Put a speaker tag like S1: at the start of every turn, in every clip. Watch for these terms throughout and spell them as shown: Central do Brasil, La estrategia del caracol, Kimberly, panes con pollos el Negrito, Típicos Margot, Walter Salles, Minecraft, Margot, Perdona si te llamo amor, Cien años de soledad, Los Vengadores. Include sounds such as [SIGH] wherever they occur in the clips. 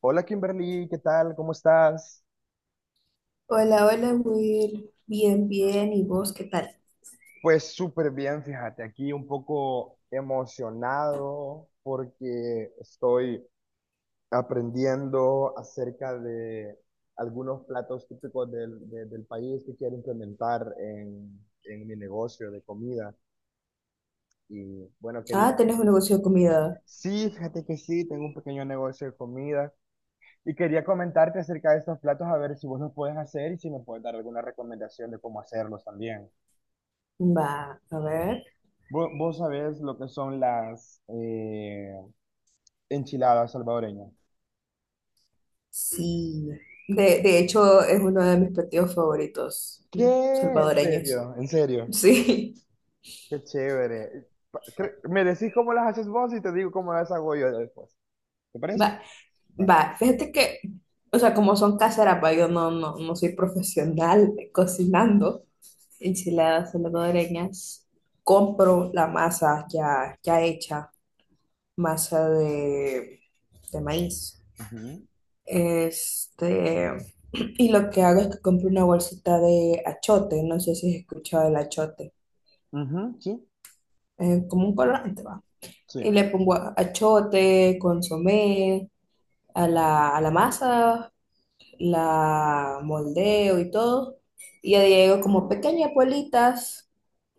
S1: Hola Kimberly, ¿qué tal? ¿Cómo estás?
S2: Hola, hola, Will. Bien, bien. ¿Y vos qué tal?
S1: Pues súper bien, fíjate, aquí un poco emocionado porque estoy aprendiendo acerca de algunos platos típicos del país que quiero implementar en mi negocio de comida. Y bueno, quería...
S2: Ah, tenés un negocio de comida.
S1: Sí, fíjate que sí, tengo un pequeño negocio de comida y quería comentarte acerca de estos platos a ver si vos los puedes hacer y si me puedes dar alguna recomendación de cómo hacerlos también.
S2: Va, a ver.
S1: Vos, sabés lo que son las enchiladas salvadoreñas.
S2: Sí. De hecho, es uno de mis platillos favoritos
S1: ¿Qué? ¿En
S2: salvadoreños.
S1: serio? ¿En serio?
S2: Sí.
S1: Qué chévere. Me decís cómo las haces vos y te digo cómo las hago yo después. ¿Te
S2: [LAUGHS]
S1: parece?
S2: Va,
S1: Va.
S2: va. Fíjate que, o sea, como son caseras, va, yo no soy profesional cocinando enchiladas salvadoreñas. Compro la masa ya hecha, masa de maíz.
S1: Ujú.
S2: Este. Y lo que hago es que compro una bolsita de achote, no sé si has escuchado el achote,
S1: Ujú, sí,
S2: es como un colorante, va.
S1: sí.
S2: Y le pongo achote, consomé, a la masa, la moldeo y todo. Y ya llego como pequeñas bolitas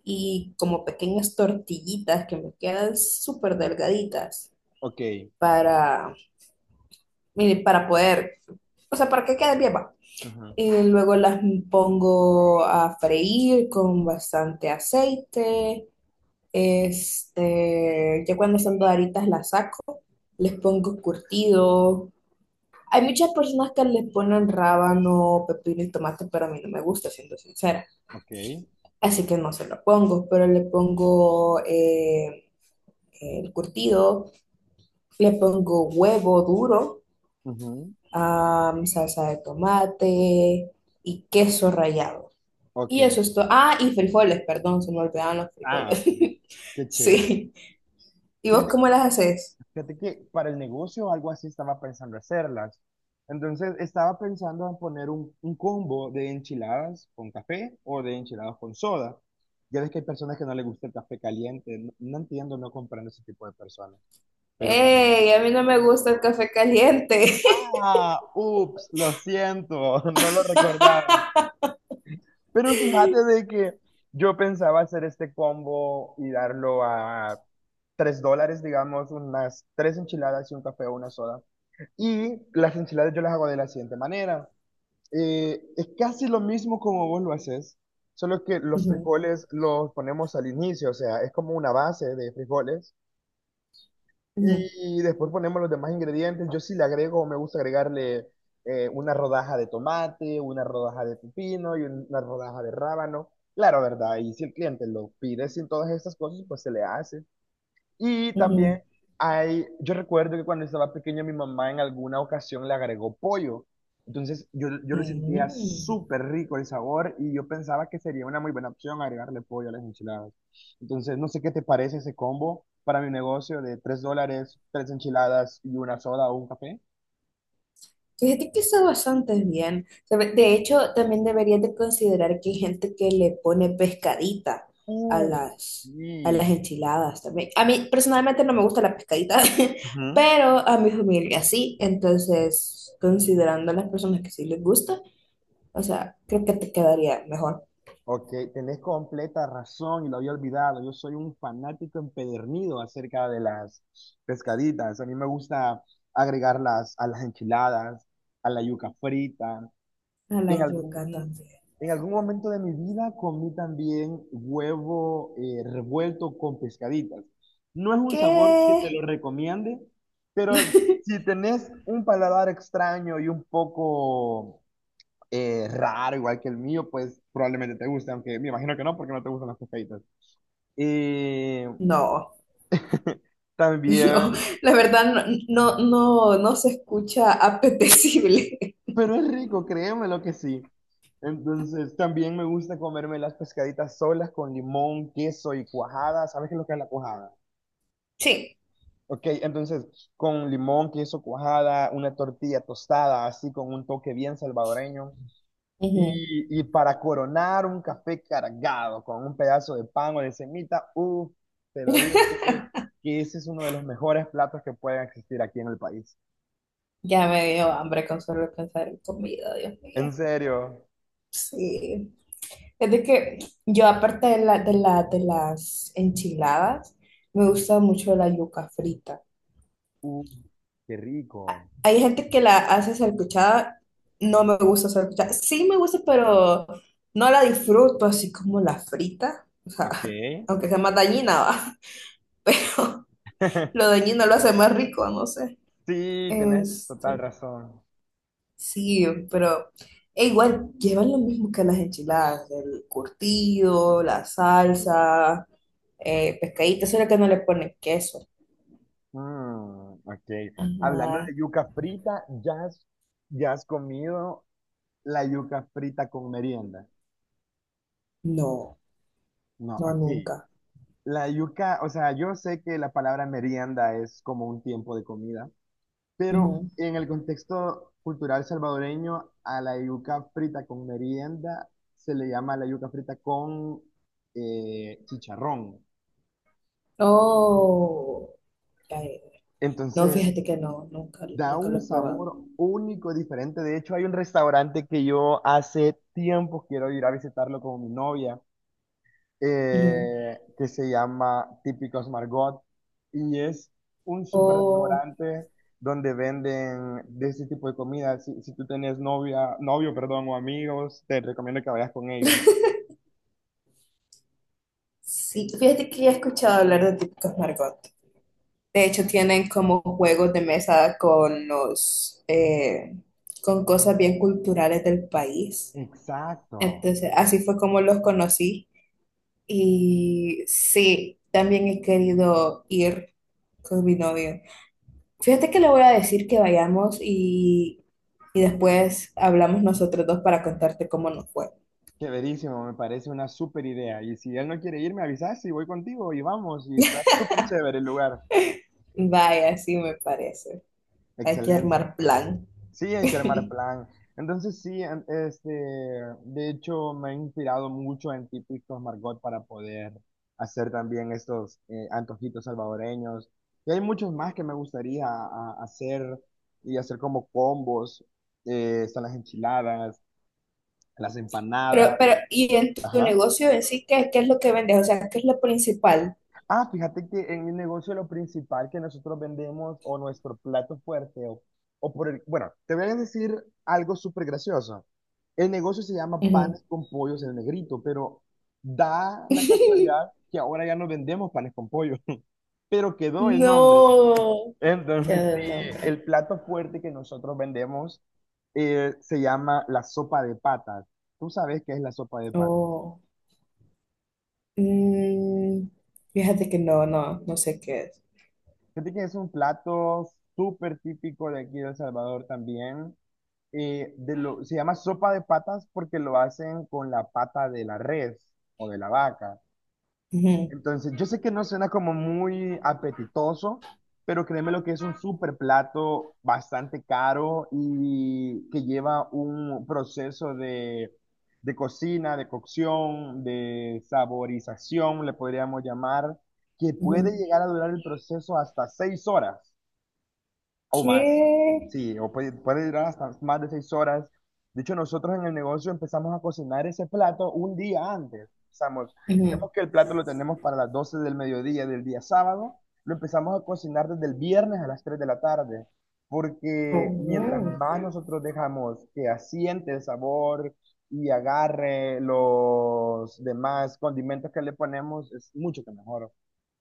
S2: y como pequeñas tortillitas que me quedan súper delgaditas
S1: Ok.
S2: para, mire, para poder, o sea, para que quede bien, va.
S1: Ujú.
S2: Luego las pongo a freír con bastante aceite. Este, ya cuando están doraditas las saco, les pongo curtido. Hay muchas personas que les ponen rábano, pepino y tomate, pero a mí no me gusta, siendo sincera.
S1: Ok,
S2: Así que no se lo pongo, pero le pongo el curtido, le pongo huevo duro,
S1: ujú,
S2: ah, salsa de tomate y queso rallado.
S1: ok.
S2: Y eso es todo. Ah, y frijoles, perdón, se me olvidaban los frijoles.
S1: Ah, ok,
S2: [LAUGHS]
S1: qué chévere.
S2: Sí. ¿Y vos
S1: Fíjate,
S2: cómo las haces?
S1: fíjate que para el negocio algo así estaba pensando hacerlas. Entonces estaba pensando en poner un combo de enchiladas con café o de enchiladas con soda. Ya ves que hay personas que no les gusta el café caliente. No, no entiendo, no comprendo ese tipo de personas. Pero para...
S2: ¡Ey! A mí no me gusta el café caliente. [LAUGHS]
S1: Ah, ups, lo siento, [LAUGHS] no lo recordaba. Pero fíjate de que yo pensaba hacer este combo y darlo a $3, digamos, unas tres enchiladas y un café o una soda. Y las enchiladas yo las hago de la siguiente manera. Es casi lo mismo como vos lo haces, solo que los
S2: Ujú,
S1: frijoles los ponemos al inicio, o sea, es como una base de frijoles
S2: ujú,
S1: y después ponemos los demás ingredientes. Yo sí le agrego, me gusta agregarle una rodaja de tomate, una rodaja de pepino y una rodaja de rábano. Claro, ¿verdad? Y si el cliente lo pide sin todas estas cosas, pues se le hace. Y también
S2: ujú.
S1: hay, yo recuerdo que cuando estaba pequeño mi mamá en alguna ocasión le agregó pollo. Entonces yo lo sentía
S2: Mm.
S1: súper rico el sabor y yo pensaba que sería una muy buena opción agregarle pollo a las enchiladas. Entonces no sé qué te parece ese combo para mi negocio de $3, tres enchiladas y una soda o un café.
S2: Fíjate que está bastante bien. Se ve. De hecho, también deberías de considerar que hay gente que le pone pescadita a
S1: Uh,
S2: las, a las
S1: sí.
S2: enchiladas también. A mí personalmente no me gusta la pescadita, [LAUGHS]
S1: Ujú.
S2: pero a mi familia sí. Entonces, considerando a las personas que sí les gusta, o sea, creo que te quedaría mejor.
S1: Ok, tenés completa razón y lo había olvidado. Yo soy un fanático empedernido acerca de las pescaditas. A mí me gusta agregarlas a las enchiladas, a la yuca frita.
S2: A la
S1: En
S2: yuca
S1: algún,
S2: también.
S1: en algún momento de mi vida comí también huevo revuelto con pescaditas. No es un sabor que te
S2: ¿Qué?
S1: lo recomiende, pero si tenés un paladar extraño y un poco raro, igual que el mío, pues probablemente te guste, aunque me imagino que no, porque no te gustan las cocaitas. Y
S2: No,
S1: [LAUGHS]
S2: [LAUGHS] no,
S1: también,
S2: la verdad no se escucha apetecible. [LAUGHS]
S1: pero es rico, créeme lo que sí. Entonces, también me gusta comerme las pescaditas solas con limón, queso y cuajada. ¿Sabes qué es lo que es la cuajada?
S2: Sí.
S1: Ok, entonces, con limón, queso, cuajada, una tortilla tostada, así con un toque bien salvadoreño.
S2: Ujú.
S1: Y para coronar un café cargado con un pedazo de pan o de semita, uff, te lo digo
S2: [LAUGHS]
S1: que ese es uno de los mejores platos que pueden existir aquí en el país.
S2: Ya me dio hambre con solo pensar en comida, Dios
S1: En
S2: mío.
S1: serio,
S2: Sí. Es de que yo, aparte de las enchiladas, me gusta mucho la yuca frita.
S1: uff, qué rico.
S2: Hay gente que la hace salcuchada, no me gusta salcuchada. Sí me gusta, pero no la disfruto así como la frita. O sea,
S1: Ok.
S2: [LAUGHS] aunque sea más dañina, va. [LAUGHS] Pero lo
S1: [LAUGHS]
S2: dañino lo hace más rico, no sé.
S1: Sí, tenés total
S2: Este,
S1: razón.
S2: sí, pero e igual llevan lo mismo que las enchiladas, el curtido, la salsa, pescadito, solo que no le ponen queso.
S1: Mm, ok. Hablando
S2: Ajá.
S1: de yuca frita, ¿ya has comido la yuca frita con merienda?
S2: No,
S1: No,
S2: no,
S1: ok.
S2: nunca.
S1: La yuca, o sea, yo sé que la palabra merienda es como un tiempo de comida, pero
S2: Ujú.
S1: en el contexto cultural salvadoreño, a la yuca frita con merienda se le llama la yuca frita con chicharrón.
S2: Oh, ay, no,
S1: Entonces,
S2: fíjate que no,
S1: da
S2: nunca lo
S1: un
S2: he probado.
S1: sabor único, diferente. De hecho, hay un restaurante que yo hace tiempo quiero ir a visitarlo con mi novia
S2: Ujú.
S1: que se llama Típicos Margot y es un super
S2: Oh,
S1: restaurante donde venden de ese tipo de comida. Si, si tú tenés novia, novio, perdón, o amigos, te recomiendo que vayas con ellos.
S2: sí, fíjate que ya he escuchado hablar de típicos Margot. De hecho, tienen como juegos de mesa con con cosas bien culturales del país.
S1: Exacto.
S2: Entonces, así fue como los conocí. Y sí, también he querido ir con mi novio. Fíjate que le voy a decir que y después hablamos nosotros dos para contarte cómo nos fue.
S1: Chéverísimo, me parece una super idea. Y si él no quiere ir, me avisas y voy contigo y vamos. Y está súper chévere el lugar.
S2: Vaya, sí me parece. Hay que
S1: Excelente.
S2: armar plan.
S1: Sí, hay que armar
S2: [LAUGHS]
S1: plan. Entonces sí, este, de hecho me he inspirado mucho en típicos Margot para poder hacer también estos antojitos salvadoreños. Y hay muchos más que me gustaría hacer y hacer como combos. Están las enchiladas, las
S2: Pero,
S1: empanadas.
S2: pero, ¿y en tu
S1: Ajá.
S2: negocio en sí qué es lo que vendes? O sea, ¿qué es lo principal?
S1: Ah, fíjate que en el negocio lo principal que nosotros vendemos o nuestro plato fuerte o por el, bueno, te voy a decir algo súper gracioso. El negocio se llama panes
S2: Ujú.
S1: con pollos el Negrito, pero da la casualidad
S2: [LAUGHS]
S1: que ahora ya no vendemos panes con pollo, [LAUGHS] pero quedó el nombre.
S2: No. Qué
S1: Entonces,
S2: del
S1: sí,
S2: nombre.
S1: el plato fuerte que nosotros vendemos se llama la sopa de patas. ¿Tú sabes qué es la sopa de patas?
S2: Oh. Mm, fíjate que no, no sé qué es.
S1: Fíjate que es un plato súper típico de aquí de El Salvador también. Se llama sopa de patas porque lo hacen con la pata de la res o de la vaca.
S2: Ujú,
S1: Entonces, yo sé que no suena como muy apetitoso, pero créeme lo que es un súper plato bastante caro y que lleva un proceso de cocina, de cocción, de saborización, le podríamos llamar, que puede
S2: ujú.
S1: llegar a durar el proceso hasta 6 horas o más.
S2: ¿Qué?
S1: Sí, o puede, puede durar hasta más de 6 horas. De hecho, nosotros en el negocio empezamos a cocinar ese plato un día antes. Empezamos,
S2: Ujú.
S1: vemos que el plato lo tenemos para las 12 del mediodía del día sábado, lo empezamos a cocinar desde el viernes a las 3 de la tarde,
S2: Oh,
S1: porque mientras
S2: wow.
S1: más nosotros dejamos que asiente el sabor y agarre los demás condimentos que le ponemos, es mucho que mejor.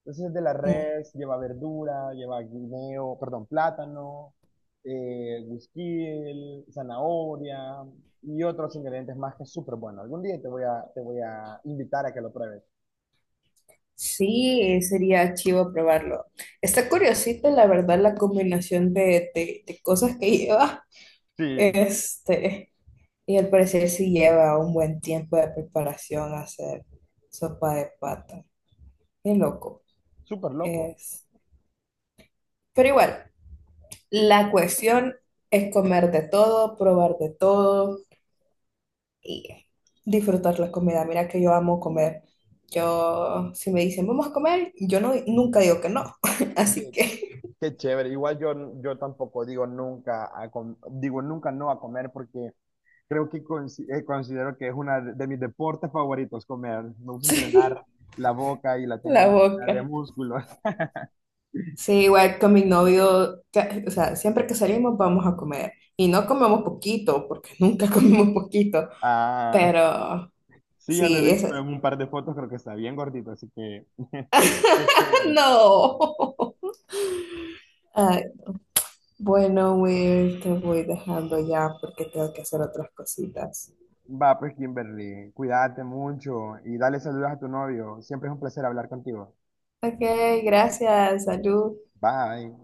S1: Entonces es de la
S2: Mm.
S1: res, lleva verdura, lleva guineo, perdón, plátano, güisquil, zanahoria y otros ingredientes más que es súper bueno. Algún día te voy a invitar a que lo pruebes.
S2: Sí, sería chivo probarlo. Está curiosita, la verdad, la combinación de cosas que [LAUGHS] lleva.
S1: Sí,
S2: Este, y al parecer sí lleva un buen tiempo de preparación hacer sopa de pata. Qué loco.
S1: súper loco.
S2: Es. Pero igual, la cuestión es comer de todo, probar de todo. Y disfrutar la comida. Mira que yo amo comer. Yo, si me dicen, vamos a comer, yo no, nunca digo que no. [LAUGHS]
S1: Qué,
S2: Así que,
S1: qué chévere. Igual yo, yo tampoco digo nunca, digo nunca no a comer porque creo que considero que es una de mis deportes favoritos comer. Me gusta
S2: [LAUGHS] sí,
S1: entrenar la boca y la
S2: la
S1: tengo llena de
S2: boca.
S1: músculo. [LAUGHS]
S2: Sí, igual con mi novio, o sea, siempre que salimos vamos a comer. Y no comemos poquito, porque nunca [LAUGHS] comemos poquito.
S1: Ah,
S2: Pero,
S1: sí, ya lo he
S2: sí, es...
S1: visto en
S2: [LAUGHS]
S1: un par de fotos, creo que está bien gordito, así que [LAUGHS] qué chévere.
S2: No. Ay, bueno, Will, te voy dejando ya porque tengo que hacer otras cositas.
S1: Va, pues Kimberly, cuídate mucho y dale saludos a tu novio. Siempre es un placer hablar contigo.
S2: Ok, gracias, salud.
S1: Bye.